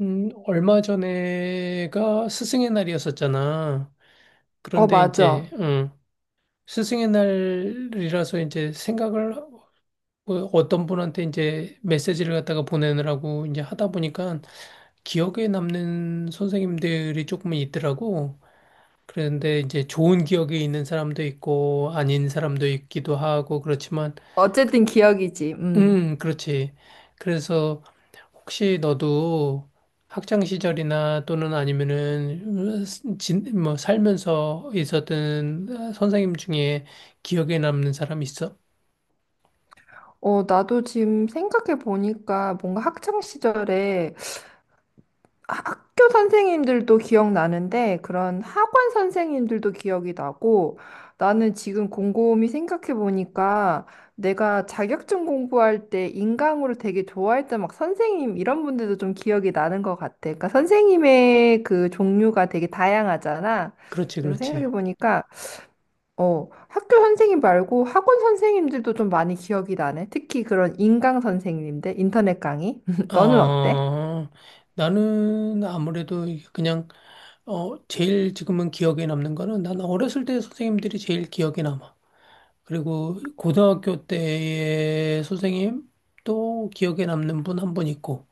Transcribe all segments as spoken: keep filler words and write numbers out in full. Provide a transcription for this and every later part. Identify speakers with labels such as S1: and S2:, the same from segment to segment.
S1: 음, 얼마 전에가 스승의 날이었었잖아.
S2: 어,
S1: 그런데
S2: 맞아.
S1: 이제, 음, 스승의 날이라서 이제 생각을 어, 어떤 분한테 이제 메시지를 갖다가 보내느라고 이제 하다 보니까 기억에 남는 선생님들이 조금은 있더라고. 그런데 이제 좋은 기억이 있는 사람도 있고 아닌 사람도 있기도 하고 그렇지만,
S2: 어쨌든 기억이지. 음.
S1: 음, 그렇지. 그래서 혹시 너도 학창 시절이나 또는 아니면은 진, 뭐 살면서 있었던 어, 선생님 중에 기억에 남는 사람 있어?
S2: 어, 나도 지금 생각해 보니까 뭔가 학창 시절에 학교 선생님들도 기억나는데 그런 학원 선생님들도 기억이 나고 나는 지금 곰곰이 생각해 보니까 내가 자격증 공부할 때 인강으로 되게 좋아했던 막 선생님 이런 분들도 좀 기억이 나는 것 같아. 그러니까 선생님의 그 종류가 되게 다양하잖아.
S1: 그렇지,
S2: 그래서 생각해
S1: 그렇지.
S2: 보니까 어, 학교 선생님 말고 학원 선생님들도 좀 많이 기억이 나네. 특히 그런 인강 선생님들, 인터넷 강의. 너는 어때?
S1: 어, 나는 아무래도 그냥 어, 제일 지금은 기억에 남는 거는 난 어렸을 때 선생님들이 제일 기억에 남아. 그리고 고등학교 때의 선생님 또 기억에 남는 분 한 분 있고.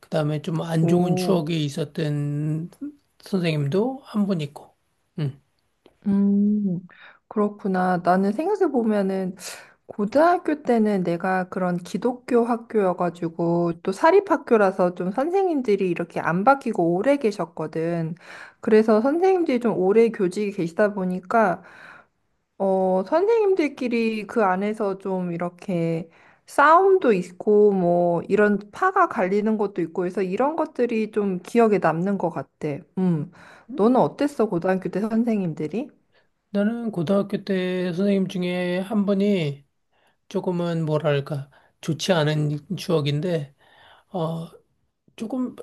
S1: 그다음에 좀 안 좋은
S2: 오,
S1: 추억이 있었던 선생님도 한 분 있고. 음.
S2: 음, 그렇구나. 나는 생각해보면은, 고등학교 때는 내가 그런 기독교 학교여가지고, 또 사립학교라서 좀 선생님들이 이렇게 안 바뀌고 오래 계셨거든. 그래서 선생님들이 좀 오래 교직에 계시다 보니까, 어, 선생님들끼리 그 안에서 좀 이렇게 싸움도 있고, 뭐, 이런 파가 갈리는 것도 있고 해서 이런 것들이 좀 기억에 남는 것 같아. 음.
S1: 음.
S2: 너는 어땠어, 고등학교 때 선생님들이?
S1: 나는 고등학교 때 선생님 중에 한 분이 조금은 뭐랄까 좋지 않은 추억인데 어 조금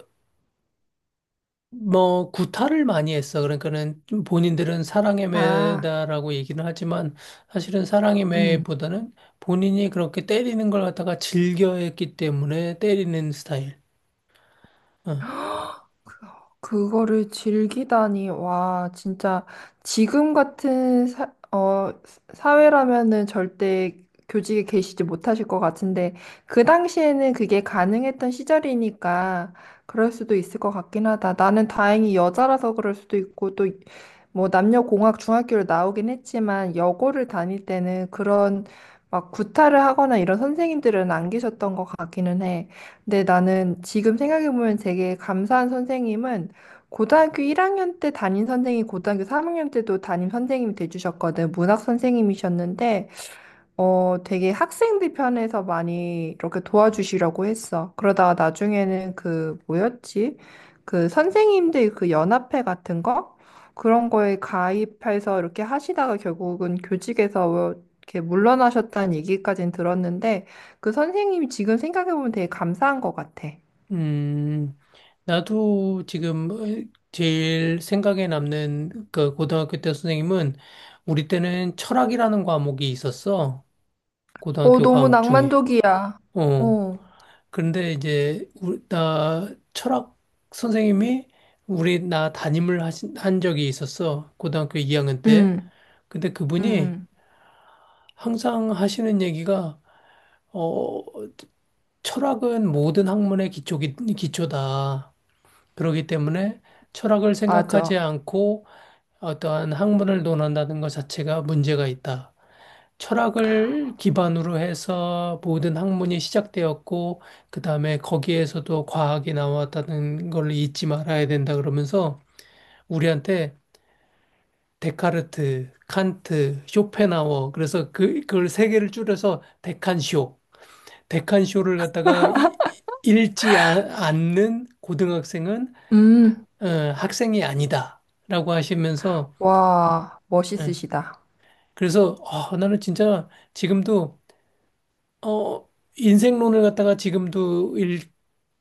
S1: 뭐 구타를 많이 했어. 그러니까는 좀 본인들은 사랑의
S2: 아,
S1: 매다라고 얘기는 하지만 사실은 사랑의
S2: 음.
S1: 매보다는 본인이 그렇게 때리는 걸 갖다가 즐겨했기 때문에 때리는 스타일. 어.
S2: 그거를 즐기다니, 와, 진짜 지금 같은 사, 어, 사회라면은 절대 교직에 계시지 못하실 것 같은데, 그 당시에는 그게 가능했던 시절이니까 그럴 수도 있을 것 같긴 하다. 나는 다행히 여자라서 그럴 수도 있고, 또 뭐 남녀공학 중학교를 나오긴 했지만, 여고를 다닐 때는 그런 막 구타를 하거나 이런 선생님들은 안 계셨던 것 같기는 해. 근데 나는 지금 생각해보면 되게 감사한 선생님은 고등학교 일 학년 때 담임 선생님이 고등학교 삼 학년 때도 담임 선생님이 돼주셨거든. 문학 선생님이셨는데 어, 되게 학생들 편에서 많이 이렇게 도와주시려고 했어. 그러다가 나중에는 그, 뭐였지? 그 선생님들 그 연합회 같은 거? 그런 거에 가입해서 이렇게 하시다가 결국은 교직에서 이렇게 물러나셨다는 얘기까지는 들었는데, 그 선생님이 지금 생각해보면 되게 감사한 것 같아.
S1: 음, 나도 지금 어, 제일 생각에 남는 그 고등학교 때 선생님은 우리 때는 철학이라는 과목이 있었어.
S2: 어,
S1: 고등학교
S2: 너무
S1: 과목 중에.
S2: 낭만적이야.
S1: 어.
S2: 어,
S1: 그런데 이제 우리, 나 철학 선생님이 우리 나 담임을 하신, 한 적이 있었어. 고등학교 이 학년
S2: 응
S1: 때. 근데
S2: 응
S1: 그분이
S2: 응.
S1: 항상 하시는 얘기가 어, 철학은 모든 학문의 기초기, 기초다. 그렇기 때문에 철학을 생각하지
S2: 맞아.
S1: 않고 어떠한 학문을 논한다는 것 자체가 문제가 있다. 철학을 기반으로 해서 모든 학문이 시작되었고, 그 다음에 거기에서도 과학이 나왔다는 걸 잊지 말아야 된다 그러면서 우리한테 데카르트, 칸트, 쇼펜하워, 그래서 그, 그걸 세 개를 줄여서 데칸쇼, 데칸쇼를 갖다가 이- 읽지 아- 않는 고등학생은
S2: 음,
S1: 어, 학생이 아니다라고 하시면서
S2: 와,
S1: 예.
S2: 멋있으시다.
S1: 그래서 아, 나는 진짜 지금도 어, 인생론을 갖다가 지금도 읽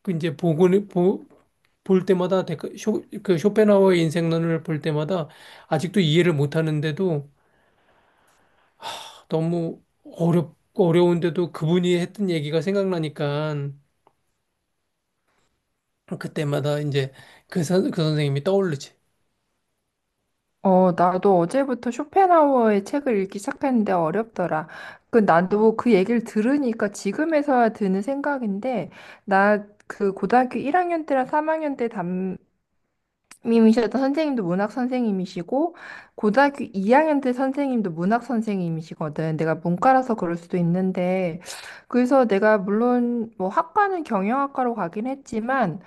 S1: 그 이제 보고 보, 볼 때마다 데크- 쇼, 그 쇼펜하우어의 인생론을 볼 때마다 아직도 이해를 못 하는데도 너무 어렵 어려운데도 그분이 했던 얘기가 생각나니까 그때마다 이제 그, 선, 그 선생님이 떠오르지.
S2: 어, 나도 어제부터 쇼펜하우어의 책을 읽기 시작했는데 어렵더라. 그, 나도 그 얘기를 들으니까 지금에서야 드는 생각인데, 나 그 고등학교 일 학년 때랑 삼 학년 때 님이셨던 선생님도 문학 선생님이시고 고등학교 이 학년 때 선생님도 문학 선생님이시거든. 내가 문과라서 그럴 수도 있는데 그래서 내가 물론 뭐 학과는 경영학과로 가긴 했지만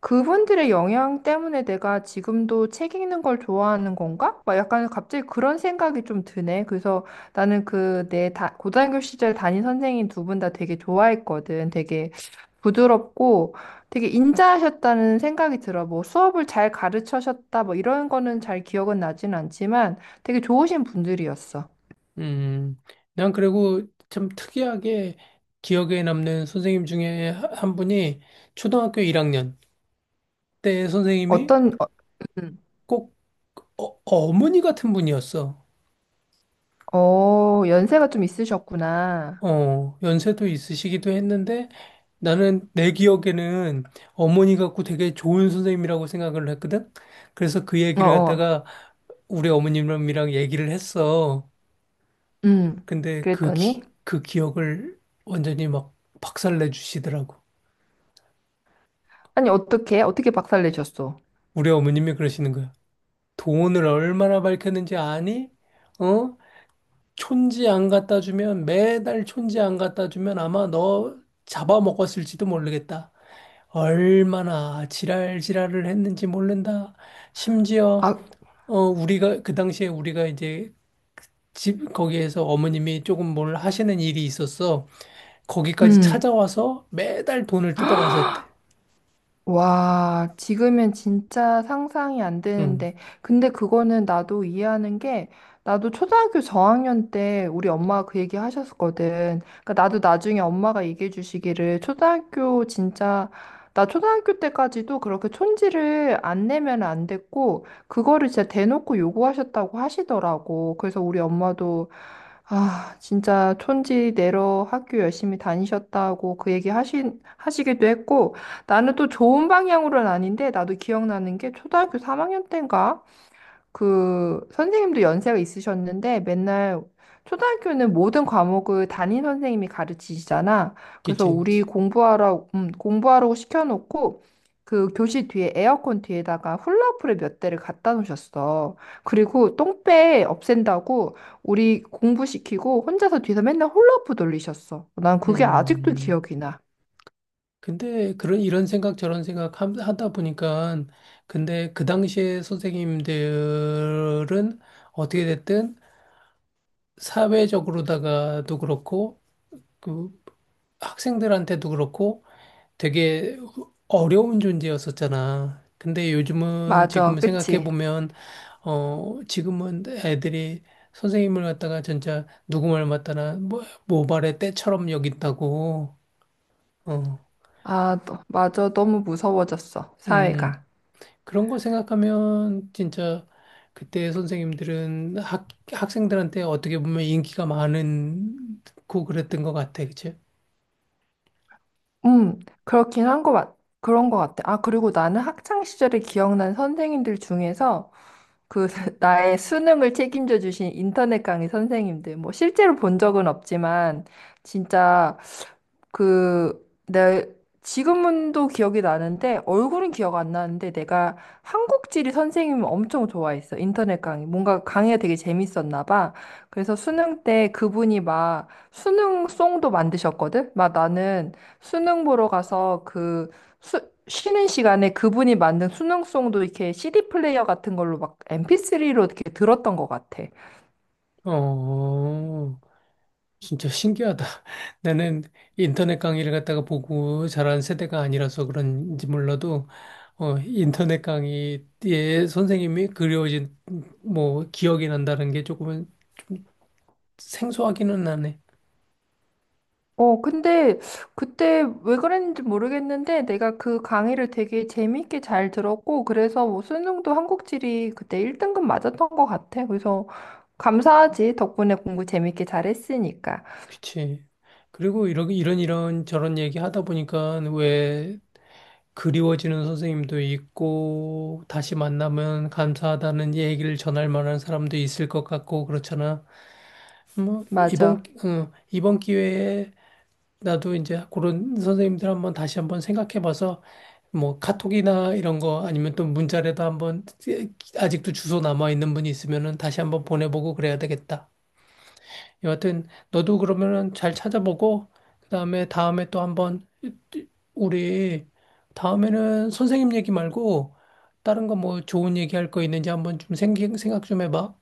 S2: 그분들의 영향 때문에 내가 지금도 책 읽는 걸 좋아하는 건가? 막 약간 갑자기 그런 생각이 좀 드네. 그래서 나는 그 내 고등학교 시절 담임 선생님 두 분 다 되게 좋아했거든. 되게 부드럽고 되게 인자하셨다는 생각이 들어. 뭐 수업을 잘 가르쳐셨다, 뭐 이런 거는 잘 기억은 나진 않지만 되게 좋으신 분들이었어.
S1: 음, 난 그리고 참 특이하게 기억에 남는 선생님 중에 한 분이 초등학교 일 학년 때 선생님이
S2: 어떤, 어, 음.
S1: 꼭 어, 어머니 같은 분이었어.
S2: 어, 연세가 좀 있으셨구나.
S1: 어, 연세도 있으시기도 했는데 나는 내 기억에는 어머니 같고 되게 좋은 선생님이라고 생각을 했거든. 그래서 그
S2: 어,
S1: 얘기를
S2: 어,
S1: 갖다가 우리 어머님이랑 얘기를 했어.
S2: 음.
S1: 근데 그, 기,
S2: 그랬더니,
S1: 그 기억을 완전히 막 박살내 주시더라고.
S2: 아니, 어떻게, 어떻게 박살 내셨어?
S1: 우리 어머님이 그러시는 거야. 돈을 얼마나 밝혔는지 아니? 어? 촌지 안 갖다 주면 매달 촌지 안 갖다 주면 아마 너 잡아먹었을지도 모르겠다. 얼마나 지랄지랄을 했는지 모른다.
S2: 아,
S1: 심지어 어 우리가 그 당시에 우리가 이제 집 거기에서 어머님이 조금 뭘 하시는 일이 있었어. 거기까지
S2: 음.
S1: 찾아와서 매달 돈을 뜯어갔었대.
S2: 와, 지금은 진짜 상상이 안
S1: 응,
S2: 되는데. 근데 그거는 나도 이해하는 게, 나도 초등학교 저학년 때 우리 엄마가 그 얘기 하셨었거든. 그러니까 나도 나중에 엄마가 얘기해 주시기를, 초등학교 진짜, 나 초등학교 때까지도 그렇게 촌지를 안 내면 안 됐고, 그거를 진짜 대놓고 요구하셨다고 하시더라고. 그래서 우리 엄마도, 아, 진짜 촌지 내러 학교 열심히 다니셨다고 그 얘기 하신, 하시기도 했고, 나는 또 좋은 방향으로는 아닌데, 나도 기억나는 게 초등학교 삼 학년 때인가? 그 선생님도 연세가 있으셨는데, 맨날 초등학교는 모든 과목을 담임 선생님이 가르치시잖아. 그래서
S1: 그치,
S2: 우리
S1: 그치.
S2: 공부하라, 음, 공부하라고 시켜놓고, 그 교실 뒤에 에어컨 뒤에다가 훌라후프를 몇 대를 갖다 놓으셨어. 그리고 똥배 없앤다고 우리 공부시키고 혼자서 뒤에서 맨날 훌라후프 돌리셨어. 난 그게 아직도
S1: 음.
S2: 기억이 나.
S1: 근데 그런 이런 생각 저런 생각 함- 하다 보니까 근데 그 당시에 선생님들은 어떻게 됐든 사회적으로다가도 그렇고 그 학생들한테도 그렇고 되게 어려운 존재였었잖아. 근데 요즘은
S2: 맞아,
S1: 지금 생각해
S2: 그치?
S1: 보면 어 지금은 애들이 선생님을 갖다가 진짜 누구 말 맞다나 뭐 모발의 때처럼 여긴다고. 어.
S2: 아, 너- 맞아. 너무 무서워졌어. 사회가.
S1: 음. 그런 거 생각하면 진짜 그때 선생님들은 학, 학생들한테 어떻게 보면 인기가 많은 고 그랬던 것 같아, 그치?
S2: 음, 그렇긴 한 거 같, 그런 거 같아. 아, 그리고 나는 학창 시절에 기억난 선생님들 중에서 그 나의 수능을 책임져 주신 인터넷 강의 선생님들. 뭐 실제로 본 적은 없지만 진짜 그, 내, 지금도 기억이 나는데, 얼굴은 기억 안 나는데, 내가 한국지리 선생님을 엄청 좋아했어. 인터넷 강의. 뭔가 강의가 되게 재밌었나 봐. 그래서 수능 때 그분이 막 수능송도 만드셨거든? 막 나는 수능 보러 가서 그, 수, 쉬는 시간에 그분이 만든 수능송도 이렇게 씨디 플레이어 같은 걸로 막 엠피쓰리로 이렇게 들었던 것 같아.
S1: 어, 진짜 신기하다. 나는 인터넷 강의를 갖다가 보고 자란 세대가 아니라서 그런지 몰라도, 어, 인터넷 강의에 선생님이 그리워진, 뭐, 기억이 난다는 게 조금은 생소하기는 하네.
S2: 어, 근데 그때 왜 그랬는지 모르겠는데 내가 그 강의를 되게 재미있게 잘 들었고 그래서 뭐 수능도 한국지리 그때 일 등급 맞았던 것 같아. 그래서 감사하지. 덕분에 공부 재밌게 잘했으니까.
S1: 그치. 그리고 이런, 이런, 이런 저런 얘기 하다 보니까 왜 그리워지는 선생님도 있고, 다시 만나면 감사하다는 얘기를 전할 만한 사람도 있을 것 같고, 그렇잖아. 뭐, 이번,
S2: 맞아.
S1: 어, 이번 기회에 나도 이제 그런 선생님들 한번 다시 한번 생각해 봐서, 뭐, 카톡이나 이런 거 아니면 또 문자라도 한번, 아직도 주소 남아 있는 분이 있으면은 다시 한번 보내보고 그래야 되겠다. 여하튼 너도 그러면은 잘 찾아보고 그다음에 다음에 또 한번 우리 다음에는 선생님 얘기 말고 다른 거 뭐 좋은 얘기 할 거 있는지 한번 좀 생기, 생각 좀 해봐.